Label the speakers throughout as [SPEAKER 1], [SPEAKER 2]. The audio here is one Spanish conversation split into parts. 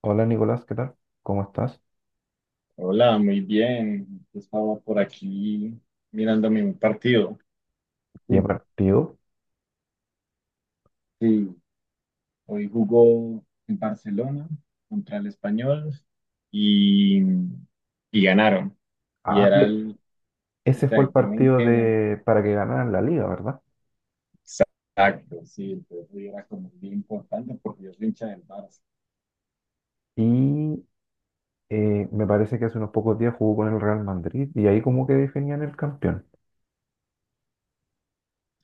[SPEAKER 1] Hola Nicolás, ¿qué tal? ¿Cómo estás?
[SPEAKER 2] Hola, muy bien. Estaba por aquí mirándome un partido de
[SPEAKER 1] ¿Qué
[SPEAKER 2] fútbol.
[SPEAKER 1] partido?
[SPEAKER 2] Sí, hoy jugó en Barcelona contra el Español y, y ganaron. Y
[SPEAKER 1] Ah,
[SPEAKER 2] era
[SPEAKER 1] e-
[SPEAKER 2] el,
[SPEAKER 1] ¿Ese fue el
[SPEAKER 2] y tenían
[SPEAKER 1] partido
[SPEAKER 2] que ganar.
[SPEAKER 1] de para que ganaran la liga, ¿verdad?
[SPEAKER 2] Exacto, sí, entonces hoy era como bien importante porque yo soy hincha del Barça.
[SPEAKER 1] Y Me parece que hace unos pocos días jugó con el Real Madrid y ahí como que definían el campeón.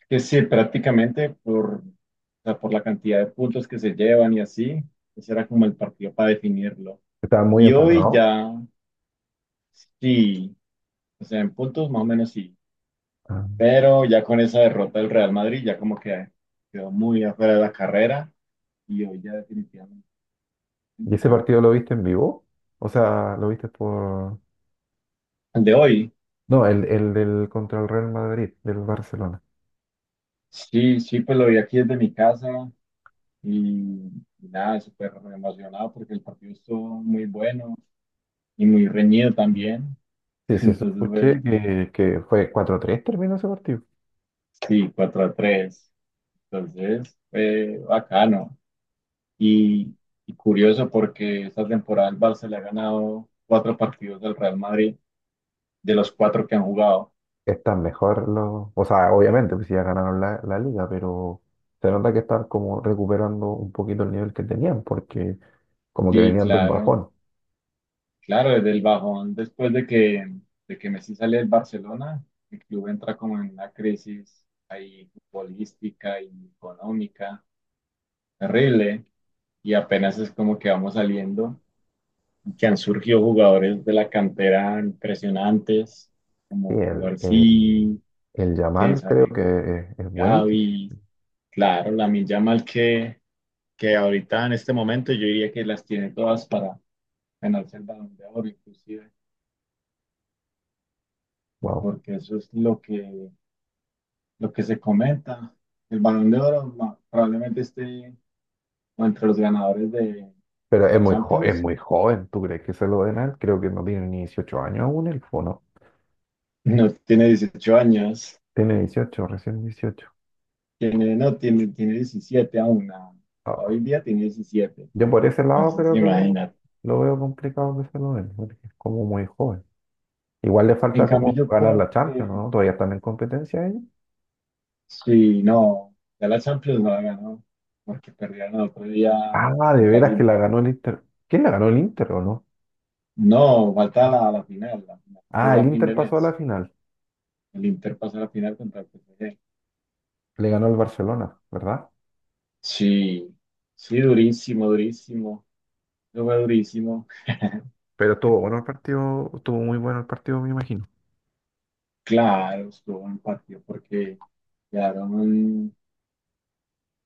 [SPEAKER 2] Que sí, o sea, por la cantidad de puntos que se llevan y así, ese era como el partido para definirlo.
[SPEAKER 1] Estaba muy
[SPEAKER 2] Y hoy
[SPEAKER 1] emparrado.
[SPEAKER 2] ya, sí. O sea, en puntos más o menos sí. Pero ya con esa derrota del Real Madrid, ya como que quedó muy afuera de la carrera y hoy ya definitivamente
[SPEAKER 1] ¿Y ese
[SPEAKER 2] ganado.
[SPEAKER 1] partido lo viste en vivo? O sea, lo viste por...
[SPEAKER 2] El de hoy,
[SPEAKER 1] No, el del contra el Real Madrid, del Barcelona.
[SPEAKER 2] sí, sí, pues lo vi aquí desde mi casa y, y nada, súper emocionado porque el partido estuvo muy bueno y muy reñido también.
[SPEAKER 1] Sí, sí, eso
[SPEAKER 2] Entonces fue,
[SPEAKER 1] escuché que fue 4-3, terminó ese partido.
[SPEAKER 2] sí, 4-3. Entonces fue bacano y, y curioso porque esta temporada el Barça le ha ganado cuatro partidos del Real Madrid de los cuatro que han jugado.
[SPEAKER 1] Están mejor los, o sea, obviamente, pues si ya ganaron la liga, pero se nota que están como recuperando un poquito el nivel que tenían, porque como que
[SPEAKER 2] Sí,
[SPEAKER 1] venían de un
[SPEAKER 2] claro,
[SPEAKER 1] bajón.
[SPEAKER 2] claro, desde el bajón, de que Messi sale del Barcelona, el club entra como en una crisis ahí futbolística y económica terrible, y apenas es como que vamos saliendo, que han surgido jugadores de la cantera impresionantes,
[SPEAKER 1] Sí,
[SPEAKER 2] como Cubarsí,
[SPEAKER 1] el
[SPEAKER 2] que
[SPEAKER 1] Yamal creo
[SPEAKER 2] sabe,
[SPEAKER 1] que es buenísimo.
[SPEAKER 2] Gavi, claro, que ahorita en este momento yo diría que las tiene todas para ganarse el Balón de Oro, inclusive.
[SPEAKER 1] Wow.
[SPEAKER 2] Porque eso es lo que se comenta. El Balón de Oro ma- Probablemente esté o entre los ganadores
[SPEAKER 1] Pero
[SPEAKER 2] de
[SPEAKER 1] es
[SPEAKER 2] la
[SPEAKER 1] es
[SPEAKER 2] Champions.
[SPEAKER 1] muy joven, ¿tú crees que se lo den a él? Creo que no tiene ni 18 años aún el fono.
[SPEAKER 2] No tiene 18 años,
[SPEAKER 1] Tiene 18, recién 18
[SPEAKER 2] tiene, no, tiene, tiene 17 aún. A Hoy
[SPEAKER 1] Ah,
[SPEAKER 2] en día tiene 17.
[SPEAKER 1] yo por ese lado
[SPEAKER 2] Entonces,
[SPEAKER 1] creo que
[SPEAKER 2] imagínate.
[SPEAKER 1] lo veo complicado que se lo den, porque es como muy joven. Igual le
[SPEAKER 2] En
[SPEAKER 1] falta
[SPEAKER 2] cambio,
[SPEAKER 1] como
[SPEAKER 2] yo
[SPEAKER 1] ganar
[SPEAKER 2] creo
[SPEAKER 1] la Champions,
[SPEAKER 2] que
[SPEAKER 1] ¿no? Todavía están en competencia ellos.
[SPEAKER 2] si no, ya la Champions no la ganó, porque perdieron el otro día
[SPEAKER 1] Ah, de
[SPEAKER 2] contra el
[SPEAKER 1] veras que la
[SPEAKER 2] Inter.
[SPEAKER 1] ganó el Inter. ¿Quién la ganó, el Inter o no?
[SPEAKER 2] No, falta
[SPEAKER 1] ¿No?
[SPEAKER 2] la final, la final.
[SPEAKER 1] Ah,
[SPEAKER 2] Juega
[SPEAKER 1] el
[SPEAKER 2] a fin de
[SPEAKER 1] Inter pasó a
[SPEAKER 2] mes.
[SPEAKER 1] la final.
[SPEAKER 2] El Inter pasa a la final contra el PSG.
[SPEAKER 1] Le ganó al Barcelona, ¿verdad?
[SPEAKER 2] Sí, sí, durísimo, durísimo. Eso fue durísimo.
[SPEAKER 1] Pero estuvo bueno el partido, estuvo muy bueno el partido, me imagino.
[SPEAKER 2] Claro, estuvo un partido porque quedaron,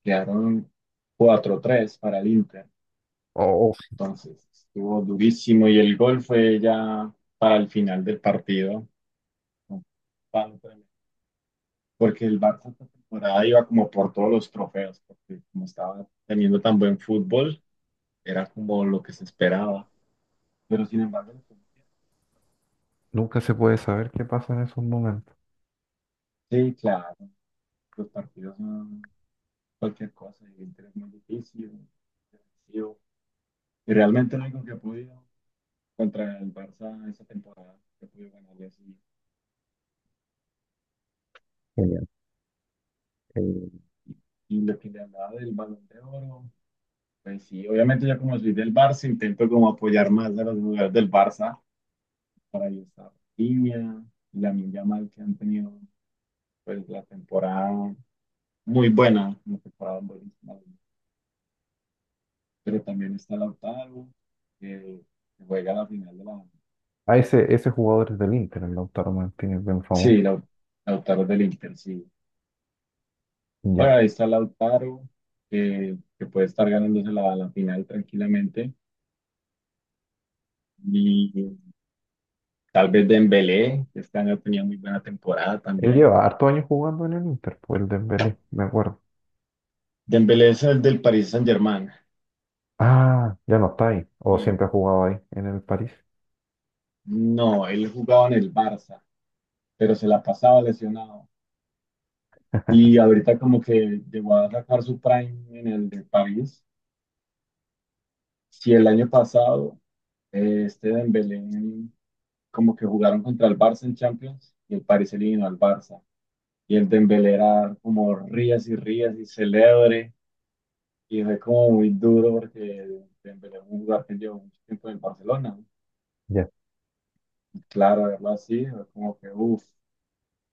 [SPEAKER 2] quedaron 4-3 para el Inter.
[SPEAKER 1] Oh, oh,
[SPEAKER 2] Entonces, estuvo durísimo y el gol fue ya para el final del partido. Un palo tremendo. Porque el Barça esta temporada iba como por todos los trofeos, porque como estaba teniendo tan buen fútbol, era como lo que se esperaba. Pero sin embargo,
[SPEAKER 1] nunca se puede saber qué pasa en esos momentos.
[SPEAKER 2] sí, claro, los partidos no. Cualquier cosa y Inter es muy difícil, defensivo. Y realmente lo único que ha podido contra el Barça esa temporada, que ha podido ganarle así.
[SPEAKER 1] Genial. Eh,
[SPEAKER 2] Y lo que le hablaba del Balón de Oro, pues sí, obviamente yo como soy del Barça intento como apoyar más a los jugadores del Barça para ahí estar línea y la Minja Mal que han tenido pues la temporada muy buena, una temporada buenísima. Pero también está Lautaro, que que juega la final de la...
[SPEAKER 1] ah, ese jugador es del Inter, el Lautaro Martínez, bien
[SPEAKER 2] Sí,
[SPEAKER 1] famoso.
[SPEAKER 2] Lautaro del Inter, sí. Bueno,
[SPEAKER 1] Ya.
[SPEAKER 2] ahí está Lautaro, que puede estar ganándose la final tranquilamente. Y tal vez Dembélé, que este año tenía muy buena temporada
[SPEAKER 1] Él
[SPEAKER 2] también.
[SPEAKER 1] lleva harto años jugando en el Inter, pues el Dembélé, me acuerdo.
[SPEAKER 2] Dembélé es el del Paris Saint-Germain.
[SPEAKER 1] Ah, ya no está ahí. O
[SPEAKER 2] Y
[SPEAKER 1] siempre ha jugado ahí, en el París.
[SPEAKER 2] no, él jugaba en el Barça, pero se la pasaba lesionado. Y ahorita como que llegó a sacar su prime en el de París. Si el año pasado este Dembélé como que jugaron contra el Barça en Champions y el París eliminó al Barça. Y el Dembélé era como rías y rías y celebre. Y fue como muy duro porque Dembélé es un jugador que llevó mucho tiempo en Barcelona, ¿no?
[SPEAKER 1] Ya.
[SPEAKER 2] Claro, verlo así, fue como que uff.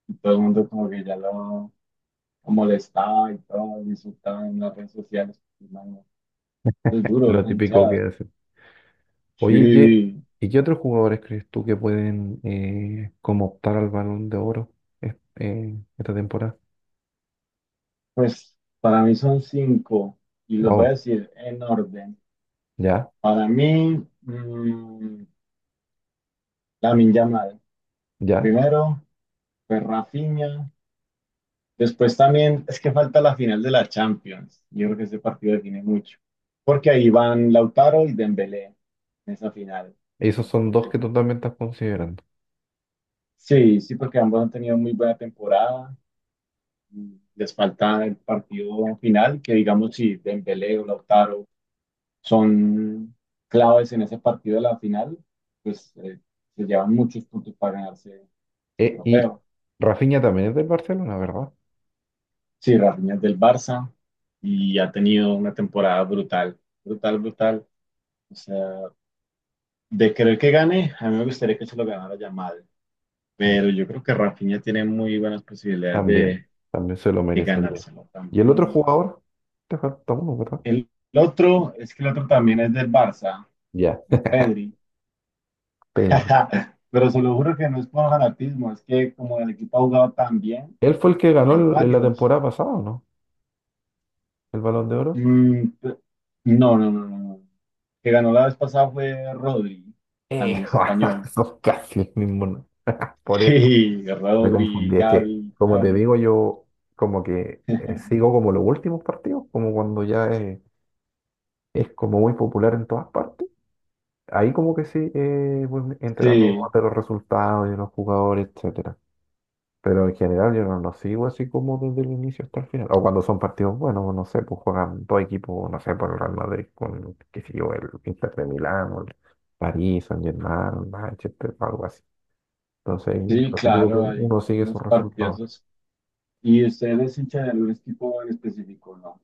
[SPEAKER 2] Y todo el mundo como que ya lo molestaba y todo, lo insultaba en las redes sociales. Y, mano, es duro, es
[SPEAKER 1] Lo
[SPEAKER 2] una
[SPEAKER 1] típico que
[SPEAKER 2] hinchada.
[SPEAKER 1] hacen. Oye,
[SPEAKER 2] Sí,
[SPEAKER 1] ¿y qué otros jugadores crees tú que pueden como optar al Balón de Oro esta temporada?
[SPEAKER 2] pues para mí son cinco. Y los voy a
[SPEAKER 1] Wow,
[SPEAKER 2] decir en orden.
[SPEAKER 1] ya,
[SPEAKER 2] Para mí, la Lamine Yamal.
[SPEAKER 1] ya.
[SPEAKER 2] Primero, pues Rafinha. Después también es que falta la final de la Champions. Yo creo que ese partido define mucho. Porque ahí van Lautaro y Dembélé en esa final.
[SPEAKER 1] Esos son
[SPEAKER 2] Entonces,
[SPEAKER 1] dos
[SPEAKER 2] ahí-
[SPEAKER 1] que tú también estás considerando.
[SPEAKER 2] Sí, sí, porque ambos han tenido muy buena temporada. Y les falta el partido final, que digamos si Dembélé o Lautaro son claves en ese partido de la final, pues se llevan muchos puntos para ganarse ese
[SPEAKER 1] E- y
[SPEAKER 2] trofeo.
[SPEAKER 1] Rafinha también es del Barcelona, ¿verdad?
[SPEAKER 2] Sí, Rafinha es del Barça y ha tenido una temporada brutal, brutal, brutal. O sea, de querer que gane, a mí me gustaría que se lo ganara Yamal,
[SPEAKER 1] Ya.
[SPEAKER 2] pero yo creo que Rafinha tiene muy buenas posibilidades
[SPEAKER 1] También, también se lo
[SPEAKER 2] de
[SPEAKER 1] merecería.
[SPEAKER 2] ganárselo
[SPEAKER 1] ¿Y el otro
[SPEAKER 2] también.
[SPEAKER 1] jugador? Te falta uno, ¿verdad?
[SPEAKER 2] El otro también es del Barça,
[SPEAKER 1] Ya,
[SPEAKER 2] es Pedri.
[SPEAKER 1] Pedri.
[SPEAKER 2] Pero se lo juro que no es por fanatismo, es que como el equipo ha jugado tan bien,
[SPEAKER 1] Él fue el que ganó
[SPEAKER 2] hay
[SPEAKER 1] en la
[SPEAKER 2] varios.
[SPEAKER 1] temporada pasada, ¿o no? El Balón de Oro.
[SPEAKER 2] Mm, pe- no, no. Que ganó la vez pasada fue Rodri,
[SPEAKER 1] Eh,
[SPEAKER 2] también es español.
[SPEAKER 1] Son casi el mismo, ¿no? Por eso.
[SPEAKER 2] Sí,
[SPEAKER 1] Me
[SPEAKER 2] Rodri,
[SPEAKER 1] confundí, es que, como te
[SPEAKER 2] Gavi.
[SPEAKER 1] digo, yo como que sigo como los últimos partidos, como cuando ya es como muy popular en todas partes. Ahí como que sí, voy enterando
[SPEAKER 2] Sí,
[SPEAKER 1] más de los resultados de los jugadores, etcétera. Pero en general yo no los sigo así como desde el inicio hasta el final. O cuando son partidos buenos, no sé, pues juegan dos equipos, no sé, por el Real Madrid con, qué sé yo, el Inter de Milán, o el París, Saint-Germain, Manchester, algo así. Entonces,
[SPEAKER 2] sí,
[SPEAKER 1] lo típico que
[SPEAKER 2] claro, hay,
[SPEAKER 1] uno
[SPEAKER 2] hay
[SPEAKER 1] sigue sus
[SPEAKER 2] unos
[SPEAKER 1] resultados.
[SPEAKER 2] partidazos. ¿Y usted es hincha de algún equipo en específico, no?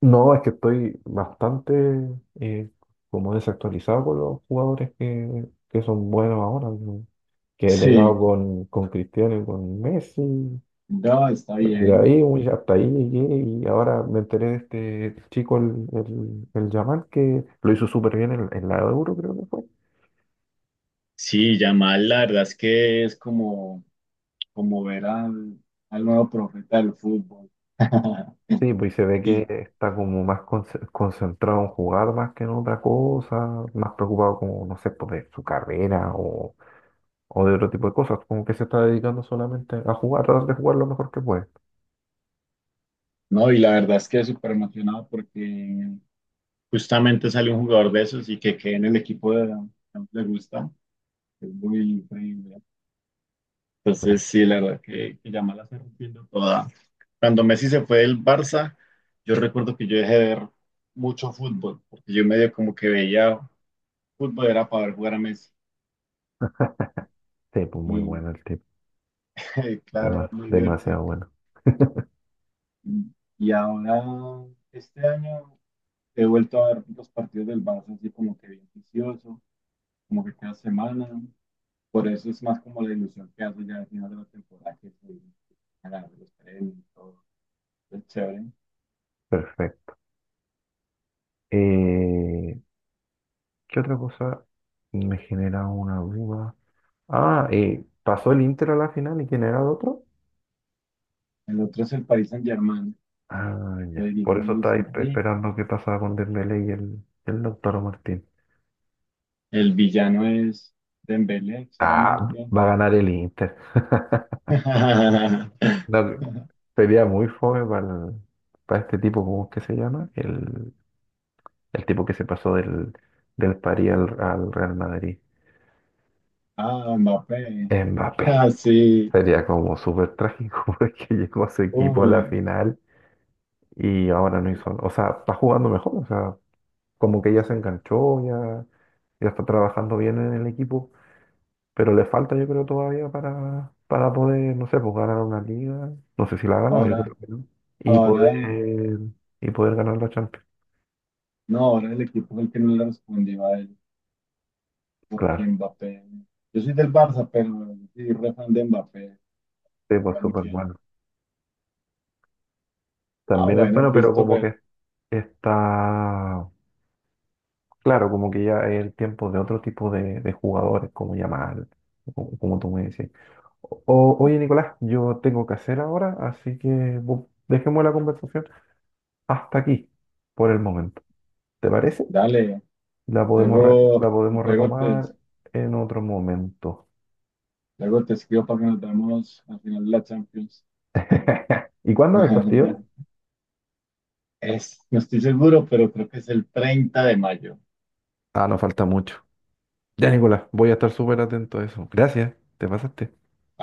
[SPEAKER 1] No, es que estoy bastante eh, como desactualizado con los jugadores que son buenos ahora, ¿no? Que he pegado
[SPEAKER 2] Sí,
[SPEAKER 1] con Cristiano y con Messi,
[SPEAKER 2] no, está
[SPEAKER 1] con
[SPEAKER 2] bien.
[SPEAKER 1] Ibrahimovic, hasta ahí llegué y ahora me enteré de este chico, el Yamal, que lo hizo súper bien en la Euro, creo que fue.
[SPEAKER 2] Sí, Yamal, la verdad es que es como, como ver al nuevo profeta del fútbol.
[SPEAKER 1] Sí, pues y se ve que
[SPEAKER 2] y,
[SPEAKER 1] está como más concentrado en jugar más que en otra cosa, más preocupado como, no sé, por de su carrera o de otro tipo de cosas, como que se está dedicando solamente a jugar, a tratar de jugar lo mejor que puede.
[SPEAKER 2] no, y la verdad es que es súper emocionado porque justamente sale un jugador de esos y que quede en el equipo de que más le gusta. Es muy increíble.
[SPEAKER 1] No,
[SPEAKER 2] Entonces, sí, que Yamal la está rompiendo toda. Cuando Messi se fue del Barça, yo recuerdo que yo dejé de ver mucho fútbol, porque yo medio como que veía fútbol era para ver jugar a Messi.
[SPEAKER 1] sí, pues muy
[SPEAKER 2] Y
[SPEAKER 1] bueno el tipo,
[SPEAKER 2] claro, era
[SPEAKER 1] además,
[SPEAKER 2] muy
[SPEAKER 1] demasiado
[SPEAKER 2] divertido.
[SPEAKER 1] bueno.
[SPEAKER 2] Y y ahora, este año, he vuelto a ver los partidos del Barça así como que bien vicioso, como que cada semana. Por eso es más como la ilusión que hace ya al final de la temporada, que se ganar los premios y todo. Es chévere.
[SPEAKER 1] Perfecto. Eh, ¿Qué otra cosa me genera una duda? Ah, ¿pasó el Inter a la final y quién era el otro?
[SPEAKER 2] El otro es el Paris Saint-Germain,
[SPEAKER 1] Ah,
[SPEAKER 2] lo
[SPEAKER 1] ya.
[SPEAKER 2] dirige
[SPEAKER 1] Por eso
[SPEAKER 2] Luis
[SPEAKER 1] estáis
[SPEAKER 2] Enrique.
[SPEAKER 1] esperando qué pasaba con Dembélé y el Lautaro Martín.
[SPEAKER 2] El villano es Dembélé,
[SPEAKER 1] Ah,
[SPEAKER 2] claramente.
[SPEAKER 1] va a ganar el Inter. No, sería muy fome para, para este tipo, ¿cómo es que se llama? El tipo que se pasó del París al, al Real Madrid.
[SPEAKER 2] Ah, Mbappé.
[SPEAKER 1] Mbappé.
[SPEAKER 2] Ah, sí.
[SPEAKER 1] Sería como súper trágico porque llegó a su equipo a
[SPEAKER 2] Uy,
[SPEAKER 1] la final y ahora no hizo. O sea, está jugando mejor. O sea, como que ya se enganchó, ya, ya está trabajando bien en el equipo. Pero le falta, yo creo, todavía para poder, no sé, pues ganar una liga. No sé si la ha ganado, yo
[SPEAKER 2] ahora,
[SPEAKER 1] creo que no. Y
[SPEAKER 2] ahora,
[SPEAKER 1] poder, y poder ganar la Champions.
[SPEAKER 2] no, ahora el equipo fue el que no le respondió a él, porque
[SPEAKER 1] Claro,
[SPEAKER 2] Mbappé. Yo soy del Barça, pero sí, re fan de Mbappé.
[SPEAKER 1] sí, pues
[SPEAKER 2] Juega muy
[SPEAKER 1] súper
[SPEAKER 2] bien.
[SPEAKER 1] bueno.
[SPEAKER 2] Ah,
[SPEAKER 1] También es
[SPEAKER 2] bueno,
[SPEAKER 1] bueno, pero como
[SPEAKER 2] Christopher,
[SPEAKER 1] que está. Claro, como que ya es el tiempo de otro tipo de jugadores, como Yamal, como tú me decís. Oye, Nicolás, yo tengo que hacer ahora, así que dejemos la conversación hasta aquí, por el momento. ¿Te parece?
[SPEAKER 2] dale.
[SPEAKER 1] La podemos,
[SPEAKER 2] Luego,
[SPEAKER 1] la podemos
[SPEAKER 2] luego te,
[SPEAKER 1] retomar en otro momento.
[SPEAKER 2] luego te escribo para que nos veamos al final de la Champions.
[SPEAKER 1] ¿Y cuándo es el partido?
[SPEAKER 2] Es, no estoy seguro, pero creo que es el 30 de mayo.
[SPEAKER 1] Ah, no falta mucho. Ya, Nicolás, voy a estar súper atento a eso. Gracias, te pasaste.